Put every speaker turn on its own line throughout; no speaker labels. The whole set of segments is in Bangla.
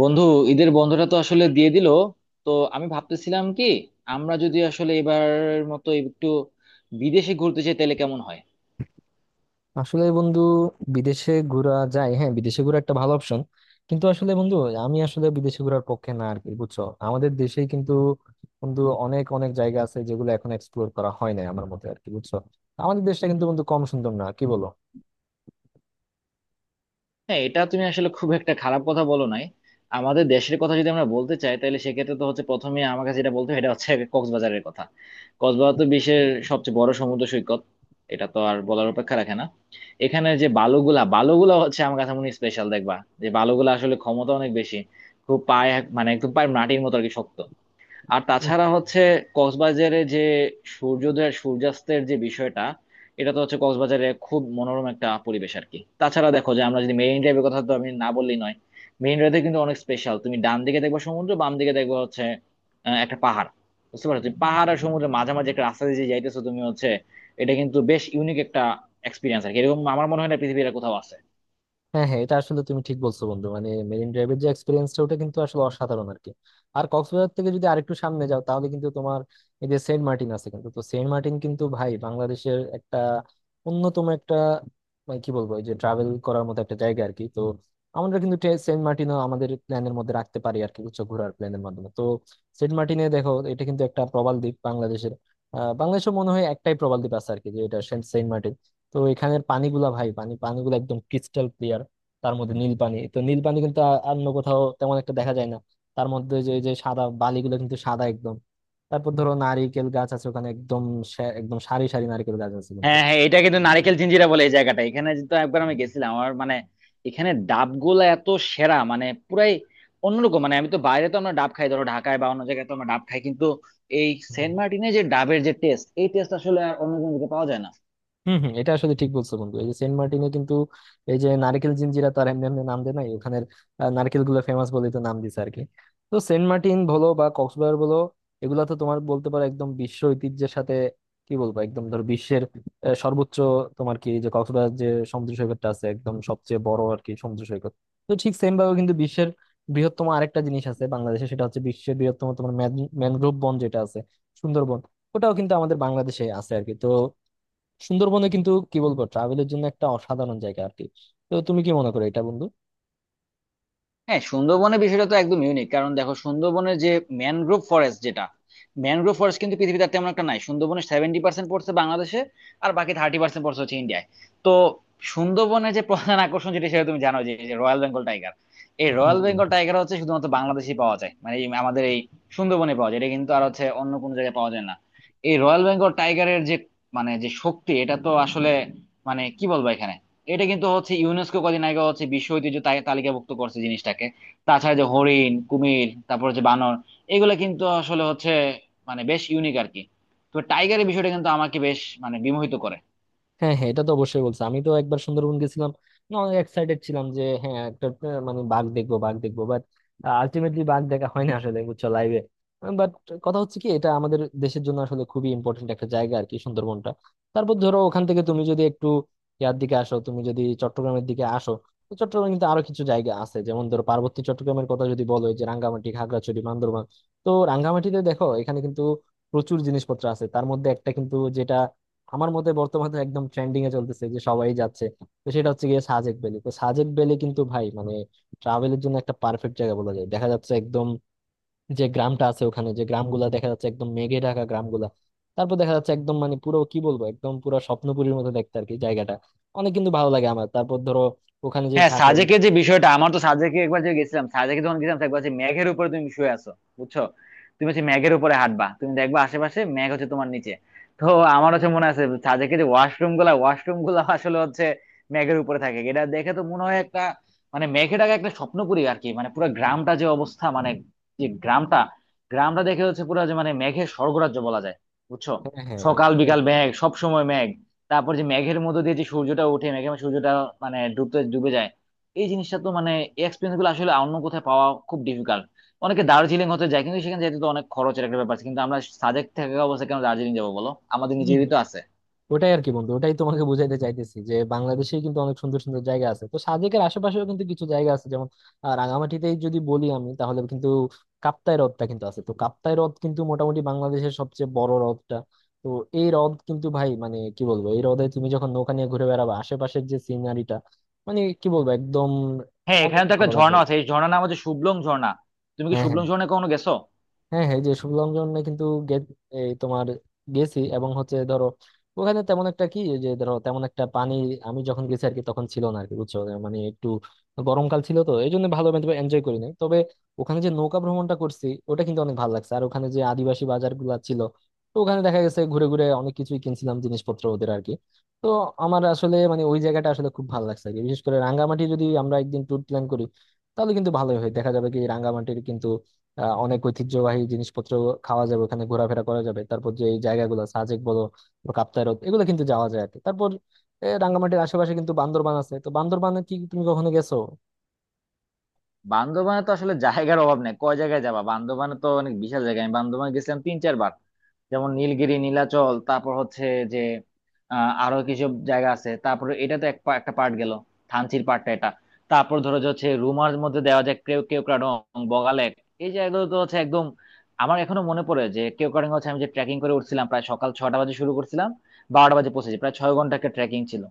বন্ধু, ঈদের বন্ধটা তো আসলে দিয়ে দিল। তো আমি ভাবতেছিলাম কি, আমরা যদি আসলে এবার মতো একটু বিদেশে ঘুরতে চাই তাহলে কেমন হয়।
আসলে বন্ধু, বিদেশে ঘোরা যায়, হ্যাঁ, বিদেশে ঘোরা একটা ভালো অপশন, কিন্তু আসলে বন্ধু, আমি আসলে বিদেশে ঘোরার পক্ষে না আর কি, বুঝছো? আমাদের দেশেই কিন্তু বন্ধু অনেক অনেক জায়গা আছে যেগুলো এখন এক্সপ্লোর করা হয় না আমার মতে আর কি, বুঝছো? আমাদের দেশটা কিন্তু বন্ধু কম সুন্দর না, কি বলো?
হ্যাঁ, এটা তুমি আসলে খুব একটা খারাপ কথা বলো নাই। আমাদের দেশের কথা যদি আমরা বলতে চাই তাহলে সেক্ষেত্রে তো হচ্ছে প্রথমে আমার কাছে যেটা বলতে হয় এটা হচ্ছে কক্সবাজারের কথা। কক্সবাজার তো বিশ্বের সবচেয়ে বড় সমুদ্র সৈকত, এটা তো আর বলার অপেক্ষা রাখে না। এখানে যে বালুগুলা বালুগুলা হচ্ছে আমার কাছে মনে স্পেশাল, দেখবা যে বালুগুলা আসলে ক্ষমতা অনেক বেশি। খুব পায়ে মানে একদম পায়ে মাটির মতো আর কি শক্ত। আর তাছাড়া হচ্ছে কক্সবাজারে যে সূর্যোদয় আর সূর্যাস্তের যে বিষয়টা, এটা তো হচ্ছে কক্সবাজারে খুব মনোরম একটা পরিবেশ আর কি। তাছাড়া দেখো যে আমরা যদি মেরিন ড্রাইভের কথা, তো আমি না বললেই নয়। মেরিন ড্রাইভে কিন্তু অনেক স্পেশাল, তুমি ডান দিকে দেখবা সমুদ্র, বাম দিকে দেখবা হচ্ছে একটা পাহাড়। বুঝতে পারছো, তুমি পাহাড় আর সমুদ্রের মাঝামাঝি একটা রাস্তা দিয়ে যে যাইতেছো তুমি, হচ্ছে এটা কিন্তু বেশ ইউনিক একটা এক্সপিরিয়েন্স আর কি, এরকম আমার মনে হয় না পৃথিবীর আর কোথাও আছে।
হ্যাঁ হ্যাঁ, এটা আসলে তুমি ঠিক বলছো বন্ধু, মানে মেরিন ড্রাইভের যে এক্সপিরিয়েন্সটা ওটা কিন্তু আসলে অসাধারণ আর কি। আর কক্সবাজার থেকে যদি আরেকটু সামনে যাও তাহলে কিন্তু তোমার এই যে সেন্ট মার্টিন আছে কিন্তু, তো সেন্ট মার্টিন কিন্তু ভাই বাংলাদেশের একটা অন্যতম একটা, মানে কি বলবো, এই যে ট্রাভেল করার মতো একটা জায়গা আর কি। তো আমরা কিন্তু সেন্ট মার্টিনও আমাদের প্ল্যানের মধ্যে রাখতে পারি আর কি, উচ্চ ঘোরার প্ল্যানের মাধ্যমে। তো সেন্ট মার্টিনে দেখো, এটা কিন্তু একটা প্রবাল দ্বীপ বাংলাদেশের। বাংলাদেশে মনে হয় একটাই প্রবাল দ্বীপ আছে আর কি, যে এটা সেন্ট সেন্ট মার্টিন। তো এখানের পানিগুলা ভাই, পানিগুলো একদম ক্রিস্টাল, তার মধ্যে নীল পানি, তো নীল পানি কিন্তু আর অন্য কোথাও তেমন একটা দেখা যায় না। তার মধ্যে যে যে সাদা বালিগুলো কিন্তু সাদা একদম। তারপর ধরো নারিকেল গাছ আছে ওখানে, একদম একদম সারি সারি নারকেল গাছ আছে কিন্তু।
হ্যাঁ হ্যাঁ, এটা কিন্তু নারিকেল জিঞ্জিরা বলে এই জায়গাটা, এখানে তো একবার আমি গেছিলাম আমার মানে। এখানে ডাবগুলা এত সেরা মানে পুরাই অন্যরকম, মানে আমি তো বাইরে তো আমরা ডাব খাই ধরো ঢাকায় বা অন্য জায়গায় তো আমরা ডাব খাই কিন্তু এই সেন্ট মার্টিনে যে ডাবের যে টেস্ট, এই টেস্ট আসলে আর অন্য কোনো দিকে পাওয়া যায় না।
হম হম, এটা আসলে ঠিক বলছো বন্ধু, এই যে সেন্ট মার্টিনে কিন্তু এই যে নারকেল জিঞ্জিরা, তার এমনি এমনি নাম দেয় নাই, ওখানের নারকেল গুলো ফেমাস বলেই তো নাম দিছে আর কি। তো সেন্ট মার্টিন বলো বা কক্সবাজার বলো, এগুলা তো তোমার বলতে পারো একদম বিশ্ব ঐতিহ্যের সাথে, কি বলবো, একদম ধরো বিশ্বের সর্বোচ্চ, তোমার কি যে কক্সবাজার যে সমুদ্র সৈকতটা আছে একদম সবচেয়ে বড় আর কি সমুদ্র সৈকত। তো ঠিক সেম ভাবে কিন্তু বিশ্বের বৃহত্তম আরেকটা জিনিস আছে বাংলাদেশে, সেটা হচ্ছে বিশ্বের বৃহত্তম তোমার ম্যানগ্রোভ বন যেটা আছে, সুন্দরবন। ওটাও কিন্তু আমাদের বাংলাদেশে আছে আর কি। তো সুন্দরবনে কিন্তু কি বলবো, ট্রাভেলের জন্য একটা অসাধারণ জায়গা আর কি। তো তুমি কি মনে করো এটা বন্ধু?
হ্যাঁ, সুন্দরবনের বিষয়টা তো একদম ইউনিক, কারণ দেখো সুন্দরবনের যে ম্যানগ্রোভ ফরেস্ট যেটা, ম্যানগ্রোভ ফরেস্ট কিন্তু পৃথিবীতে আর তেমন একটা নাই। সুন্দরবনের 70% পড়ছে বাংলাদেশে, আর বাকি 30% পড়ছে হচ্ছে ইন্ডিয়ায়। তো সুন্দরবনের যে প্রধান আকর্ষণ যেটা সেটা তুমি জানো যে রয়্যাল বেঙ্গল টাইগার। এই রয়্যাল
হ্যাঁ
বেঙ্গল টাইগার হচ্ছে শুধুমাত্র বাংলাদেশেই পাওয়া যায়, মানে এই আমাদের এই সুন্দরবনে পাওয়া যায়, এটা কিন্তু আর হচ্ছে অন্য কোনো জায়গায় পাওয়া যায় না। এই রয়্যাল বেঙ্গল টাইগারের যে মানে যে শক্তি, এটা তো আসলে মানে কি বলবো। এখানে এটা কিন্তু হচ্ছে ইউনেস্কো কদিন আগে হচ্ছে বিশ্ব ঐতিহ্য তালিকাভুক্ত করছে জিনিসটাকে। তাছাড়া যে হরিণ, কুমির, তারপর হচ্ছে বানর, এগুলো কিন্তু আসলে হচ্ছে মানে বেশ ইউনিক আর কি। তো টাইগারের বিষয়টা কিন্তু আমাকে বেশ মানে বিমোহিত করে।
হ্যাঁ, হ্যাঁ এটা তো অবশ্যই বলছে, আমি তো একবার সুন্দরবন গেছিলাম। না, অনেক এক্সাইটেড ছিলাম যে হ্যাঁ, একটা মানে বাঘ দেখবো, বাঘ দেখবো, বাট আলটিমেটলি বাঘ দেখা হয় না আসলে, বুঝছো, লাইভে। বাট কথা হচ্ছে কি, এটা আমাদের দেশের জন্য আসলে খুবই ইম্পর্টেন্ট একটা জায়গা আর কি, সুন্দরবনটা। তারপর ধরো ওখান থেকে তুমি যদি একটু ইয়ার দিকে আসো, তুমি যদি চট্টগ্রামের দিকে আসো, তো চট্টগ্রামে কিন্তু আরো কিছু জায়গা আছে, যেমন ধরো পার্বতী চট্টগ্রামের কথা যদি বলো, এই যে রাঙ্গামাটি, খাগড়াছড়ি, বান্দরবান। তো রাঙ্গামাটিতে দেখো, এখানে কিন্তু প্রচুর জিনিসপত্র আছে, তার মধ্যে একটা কিন্তু যেটা আমার মতে বর্তমানে একদম ট্রেন্ডিং এ চলতেছে, যে সবাই যাচ্ছে, তো সেটা হচ্ছে গিয়ে সাজেক ভ্যালি। তো সাজেক ভ্যালি কিন্তু ভাই, মানে ট্রাভেলের জন্য একটা পারফেক্ট জায়গা বলা যায়। দেখা যাচ্ছে একদম যে গ্রামটা আছে ওখানে, যে গ্রামগুলা দেখা যাচ্ছে একদম মেঘে ঢাকা গ্রামগুলা। তারপর দেখা যাচ্ছে একদম মানে পুরো, কি বলবো, একদম পুরো স্বপ্নপুরীর মতো দেখতে আর কি জায়গাটা। অনেক কিন্তু ভালো লাগে আমার। তারপর ধরো ওখানে যে
হ্যাঁ,
থাকে।
সাজেকের যে বিষয়টা, আমার তো সাজেকে একবার যে গেছিলাম, সাজেকে যখন গেছিলাম তো একবার হচ্ছে মেঘের উপরে তুমি শুয়ে আছো, বুঝছো। তুমি হচ্ছে মেঘের উপরে হাঁটবা, তুমি দেখবা আশেপাশে মেঘ হচ্ছে তোমার নিচে। তো আমার হচ্ছে মনে আছে সাজেকে যে ওয়াশরুম গুলা আসলে হচ্ছে মেঘের উপরে থাকে, এটা দেখে তো মনে হয় একটা মানে মেঘেটাকে একটা স্বপ্নপুরী আর কি। মানে পুরো গ্রামটা যে অবস্থা, মানে যে গ্রামটা গ্রামটা দেখে হচ্ছে পুরো যে মানে মেঘের স্বর্গরাজ্য বলা যায়, বুঝছো।
হ্যাঁ হ্যাঁ।
সকাল
তো।
বিকাল মেঘ, সব সময় মেঘ। তারপর যে মেঘের মধ্যে দিয়ে যে সূর্যটা ওঠে, মেঘের মধ্যে সূর্যটা মানে ডুবতে ডুবে যায়। এই জিনিসটা তো মানে এক্সপিরিয়েন্স গুলো আসলে অন্য কোথায় পাওয়া খুব ডিফিকাল্ট। অনেকে দার্জিলিং হতে যায় কিন্তু সেখানে যেতে তো অনেক খরচের একটা ব্যাপার আছে, কিন্তু আমরা সাজেক থাকা অবস্থায় কেন দার্জিলিং যাবো বলো, আমাদের
হম
নিজেরই
হম।
তো আছে।
ওটাই আর কি বন্ধু, ওটাই তোমাকে বুঝাইতে চাইতেছি, যে বাংলাদেশে কিন্তু অনেক সুন্দর সুন্দর জায়গা আছে। তো সাজেকের আশেপাশেও কিন্তু কিছু জায়গা আছে, যেমন রাঙামাটিতেই যদি বলি আমি, তাহলে কিন্তু কাপ্তাই হ্রদটা কিন্তু আছে। তো কাপ্তাই হ্রদ কিন্তু মোটামুটি বাংলাদেশের সবচেয়ে বড় হ্রদটা। তো এই হ্রদ কিন্তু ভাই মানে কি বলবো, এই হ্রদে তুমি যখন নৌকা নিয়ে ঘুরে বেড়াবে, আশেপাশের যে সিনারিটা, মানে কি বলবো, একদম
হ্যাঁ,
অনেক
এখানে তো একটা
ভালো লাগবে
ঝর্ণা
আর কি।
আছে, এই ঝর্ণার নাম হচ্ছে শুভলং ঝর্ণা। তুমি কি
হ্যাঁ হ্যাঁ।
শুভলং ঝর্ণা কখনো গেছো?
হ্যাঁ হ্যাঁ, এই যে শুভলঙ্ঘনে কিন্তু এই তোমার গেছি, এবং হচ্ছে ধরো ওখানে তেমন একটা কি, এই যে ধরো তেমন একটা পানি আমি যখন গেছি আর কি তখন ছিল না আর কি, বুঝছো? মানে একটু গরমকাল ছিল, তো এই জন্য ভালো এনজয় করি নাই। তবে ওখানে যে নৌকা ভ্রমণটা করছি, ওটা কিন্তু অনেক ভালো লাগছে। আর ওখানে যে আদিবাসী বাজার গুলা ছিল, তো ওখানে দেখা গেছে ঘুরে ঘুরে অনেক কিছুই কিনছিলাম জিনিসপত্র ওদের আর কি। তো আমার আসলে মানে ওই জায়গাটা আসলে খুব ভালো লাগছে আর কি। বিশেষ করে রাঙ্গামাটি যদি আমরা একদিন ট্যুর প্ল্যান করি তাহলে কিন্তু ভালোই হয়। দেখা যাবে কি, রাঙ্গামাটির কিন্তু অনেক ঐতিহ্যবাহী জিনিসপত্র খাওয়া যাবে, ওখানে ঘোরাফেরা করা যাবে। তারপর যে এই জায়গাগুলো সাজেক বলো বা কাপ্তাই হ্রদ, এগুলো কিন্তু যাওয়া যায় আর কি। তারপর রাঙ্গামাটির আশেপাশে কিন্তু বান্দরবান আছে। তো বান্দরবানে কি তুমি কখনো গেছো?
বান্দরবানে তো আসলে জায়গার অভাব নেই, কয় জায়গায় যাবা, বান্দরবানে তো অনেক বিশাল জায়গা। আমি বান্দরবানে গেছিলাম তিন চারবার। যেমন নীলগিরি, নীলাচল, তারপর হচ্ছে যে আরো কিছু জায়গা আছে। তারপর এটা তো একটা পার্ট গেল, থানচির পার্টটা এটা। তারপর ধরো যে হচ্ছে রুমার মধ্যে দেওয়া যায় কেউ, কেওক্রাডং, বগালেক, এই জায়গাগুলো তো হচ্ছে একদম। আমার এখনো মনে পড়ে যে কেওক্রাডং হচ্ছে আমি যে ট্রেকিং করে উঠছিলাম, প্রায় সকাল 6টা বাজে শুরু করছিলাম, 12টা বাজে পৌঁছেছি, প্রায় 6 ঘন্টা একটা ট্রেকিং ছিল।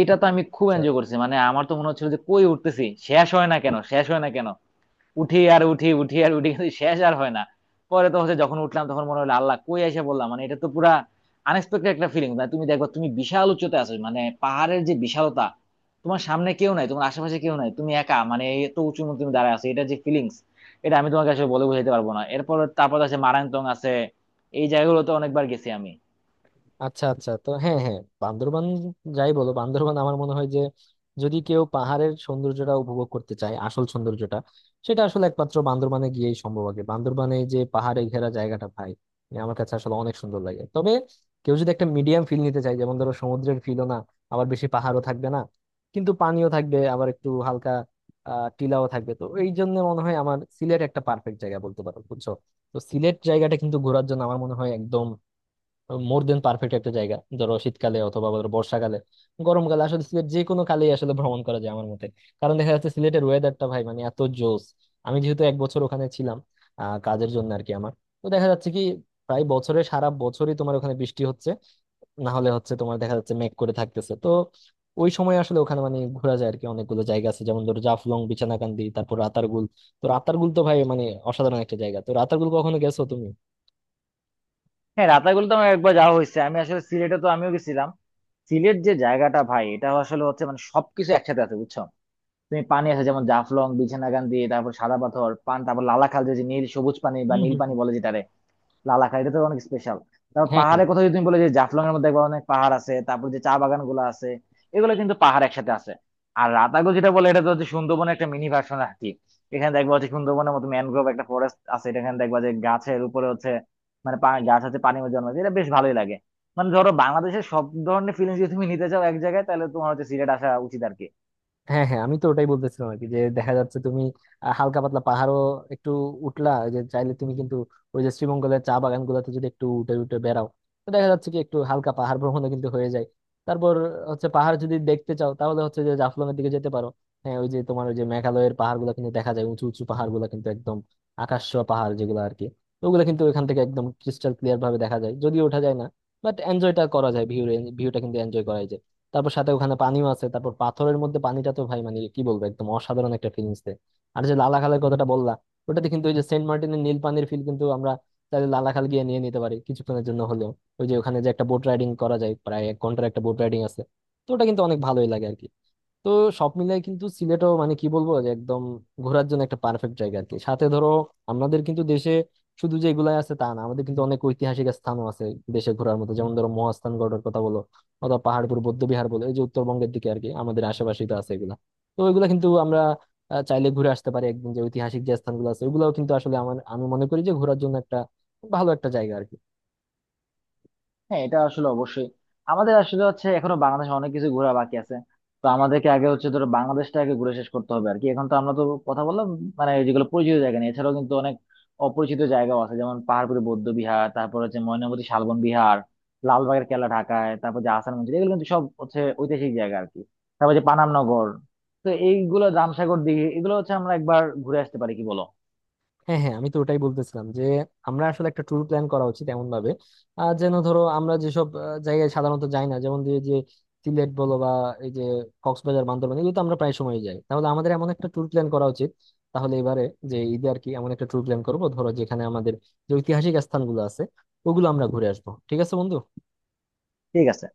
এটা তো আমি খুব
আচ্ছা।
এনজয় করছি, মানে আমার তো মনে হচ্ছিল যে কই উঠতেছি, শেষ হয় না কেন, শেষ হয় না কেন। উঠি আর উঠি, উঠি আর উঠি, কিন্তু শেষ আর হয় না। পরে তো হচ্ছে যখন উঠলাম তখন মনে হলো আল্লাহ কই এসে বললাম, মানে এটা তো পুরা আনএক্সপেক্টেড একটা ফিলিং। মানে তুমি দেখো তুমি বিশাল উচ্চতে আছো, মানে পাহাড়ের যে বিশালতা, তোমার সামনে কেউ নাই, তোমার আশেপাশে কেউ নাই, তুমি একা, মানে এত উঁচু মধ্যে তুমি দাঁড়ায় আছো, এটা যে ফিলিংস, এটা আমি তোমাকে আসলে বলে বোঝাতে পারবো না। এরপর তারপর আছে মারাংতং আছে, এই জায়গাগুলো তো অনেকবার গেছি আমি।
আচ্ছা আচ্ছা, তো হ্যাঁ হ্যাঁ, বান্দরবান যাই বলো, বান্দরবান আমার মনে হয় যে যদি কেউ পাহাড়ের সৌন্দর্যটা উপভোগ করতে চায়, আসল সৌন্দর্যটা, সেটা আসলে একমাত্র বান্দরবানে গিয়েই সম্ভব। আগে বান্দরবানে এই যে পাহাড়ে ঘেরা জায়গাটা ভাই, মানে আমার কাছে আসলে অনেক সুন্দর লাগে। তবে কেউ যদি একটা মিডিয়াম ফিল নিতে চায়, যেমন ধরো সমুদ্রের ফিলও না, আবার বেশি পাহাড়ও থাকবে না, কিন্তু পানিও থাকবে, আবার একটু হালকা টিলাও থাকবে, তো এই জন্য মনে হয় আমার সিলেট একটা পারফেক্ট জায়গা বলতে পারো, বুঝছো? তো সিলেট জায়গাটা কিন্তু ঘোরার জন্য আমার মোর দেন পারফেক্ট একটা জায়গা। ধরো শীতকালে অথবা ধরো বর্ষাকালে, গরমকালে, আসলে সিলেট যে কোনো কালেই আসলে ভ্রমণ করা যায় আমার মতে। কারণ দেখা যাচ্ছে সিলেটের ওয়েদারটা ভাই মানে এত জোস। আমি যেহেতু এক বছর ওখানে ছিলাম কাজের জন্য আর কি আমার, তো দেখা যাচ্ছে কি প্রায় বছরে সারা বছরই তোমার ওখানে বৃষ্টি হচ্ছে, না হলে হচ্ছে তোমার দেখা যাচ্ছে মেঘ করে থাকতেছে। তো ওই সময় আসলে ওখানে মানে ঘোরা যায় আর কি। অনেকগুলো জায়গা আছে যেমন ধরো জাফলং, বিছানাকান্দি, তারপর রাতারগুল। তো রাতারগুল তো ভাই মানে অসাধারণ একটা জায়গা। তো রাতারগুল কখনো গেছো তুমি?
হ্যাঁ, রাতাগুলো তো আমার একবার যাওয়া হয়েছে, আমি আসলে সিলেটে তো আমিও গেছিলাম। সিলেট যে জায়গাটা ভাই, এটা আসলে হচ্ছে মানে সবকিছু একসাথে আছে, বুঝছো। তুমি পানি আছে যেমন জাফলং, বিছনাকান্দি, তারপর সাদা পাথর পান, তারপর লালাখাল যে যে নীল সবুজ পানি বা
হম
নীল
হম
পানি
হম।
বলে যেটারে, লালাখাই এটা তো অনেক স্পেশাল। তারপর
হ্যাঁ হ্যাঁ।
পাহাড়ের কথা যদি তুমি বলে যে জাফলং এর মধ্যে দেখবা অনেক পাহাড় আছে, তারপর যে চা বাগান গুলো আছে, এগুলো কিন্তু পাহাড় একসাথে আছে। আর রাতাগো যেটা বলে, এটা তো হচ্ছে সুন্দরবনের একটা মিনি ভার্সন আর কি। এখানে দেখবা হচ্ছে সুন্দরবনের মতো ম্যানগ্রোভ একটা ফরেস্ট আছে, এটা এখানে দেখবা যে গাছের উপরে হচ্ছে মানে গাছ হচ্ছে পানির মধ্যে জন্মায়, এটা বেশ ভালোই লাগে। মানে ধরো বাংলাদেশের সব ধরনের ফিলিংস যদি তুমি নিতে চাও এক জায়গায় তাহলে তোমার হচ্ছে সিলেট আসা উচিত আর কি।
হ্যাঁ হ্যাঁ, আমি তো ওটাই বলতেছিলাম আর কি, যে দেখা যাচ্ছে তুমি হালকা পাতলা পাহাড়ও একটু উঠলা, ওই যে চাইলে তুমি কিন্তু ওই যে শ্রীমঙ্গলের চা বাগান গুলাতে যদি একটু উঠে উঠে বেড়াও, তো দেখা যাচ্ছে কি একটু হালকা পাহাড় ভ্রমণও কিন্তু হয়ে যায়। তারপর হচ্ছে পাহাড় যদি দেখতে চাও তাহলে হচ্ছে যে জাফলং এর দিকে যেতে পারো। হ্যাঁ, ওই যে তোমার ওই যে মেঘালয়ের পাহাড় গুলা কিন্তু দেখা যায়, উঁচু উঁচু পাহাড় গুলা কিন্তু একদম আকাশ ছোঁয়া পাহাড় যেগুলো আর কি। ওগুলো কিন্তু ওখান থেকে একদম ক্রিস্টাল ক্লিয়ার ভাবে দেখা যায়, যদিও ওঠা যায় না, বাট এনজয়টা করা যায়, ভিউ, ভিউটা কিন্তু এনজয় করা যায়। তারপর সাথে ওখানে পানিও আছে, তারপর পাথরের মধ্যে পানিটা তো ভাই মানে কি বলবো একদম অসাধারণ একটা ফিলিংস দেয়। আর যে লালাখালের কথাটা বললা, ওটাতে কিন্তু ওই যে সেন্ট মার্টিনের নীল পানির ফিল কিন্তু আমরা তাহলে লালাখাল গিয়ে নিয়ে নিতে পারি কিছুক্ষণের জন্য হলেও। ওই যে ওখানে যে একটা বোট রাইডিং করা যায়, প্রায় এক ঘন্টার একটা বোট রাইডিং আছে, তো ওটা কিন্তু অনেক ভালোই লাগে আর কি। তো সব মিলাই কিন্তু সিলেটও মানে কি বলবো যে একদম ঘোরার জন্য একটা পারফেক্ট জায়গা আর কি। সাথে ধরো আমাদের কিন্তু দেশে শুধু যে এগুলাই আছে তা না, আমাদের কিন্তু অনেক ঐতিহাসিক স্থানও আছে দেশে ঘোরার মতো, যেমন ধরো মহাস্থানগড়ের কথা বলো অথবা পাহাড়পুর বৌদ্ধবিহার বলো, এই যে উত্তরবঙ্গের দিকে আর কি আমাদের আশেপাশেই তো আছে এগুলা। তো এগুলা কিন্তু আমরা চাইলে ঘুরে আসতে পারি একদিন, যে ঐতিহাসিক যে স্থানগুলো আছে ওগুলাও কিন্তু আসলে আমার, আমি মনে করি যে ঘোরার জন্য একটা ভালো একটা জায়গা আর কি।
হ্যাঁ, এটা আসলে অবশ্যই। আমাদের আসলে হচ্ছে এখনো বাংলাদেশে অনেক কিছু ঘোরা বাকি আছে, তো আমাদেরকে আগে হচ্ছে ধরো বাংলাদেশটা আগে ঘুরে শেষ করতে হবে আর কি। এখন তো আমরা তো কথা বললাম মানে যেগুলো পরিচিত জায়গা নিয়ে, এছাড়াও কিন্তু অনেক অপরিচিত জায়গাও আছে, যেমন পাহাড়পুরে বৌদ্ধ বিহার, তারপর হচ্ছে ময়নামতি শালবন বিহার, লালবাগের কেল্লা ঢাকায়, তারপর যে আহসান মঞ্জিল, এগুলো কিন্তু সব হচ্ছে ঐতিহাসিক জায়গা আর কি। তারপর যে পানাম নগর, তো এইগুলো রামসাগর দিঘি, এগুলো হচ্ছে আমরা একবার ঘুরে আসতে পারি, কি বলো?
হ্যাঁ হ্যাঁ, আমি তো ওটাই বলতেছিলাম, যে আমরা আসলে একটা ট্যুর প্ল্যান করা উচিত এমন ভাবে যেন ধরো আমরা যেসব জায়গায় সাধারণত যাই না, যেমন যে যে সিলেট বলো বা এই যে কক্সবাজার, বান্দরবান, এগুলো তো আমরা প্রায় সময় যাই, তাহলে আমাদের এমন একটা ট্যুর প্ল্যান করা উচিত, তাহলে এবারে যে ঈদে আর কি এমন একটা ট্যুর প্ল্যান করবো ধরো যেখানে আমাদের যে ঐতিহাসিক স্থানগুলো আছে ওগুলো আমরা ঘুরে আসবো। ঠিক আছে বন্ধু?
ঠিক আছে।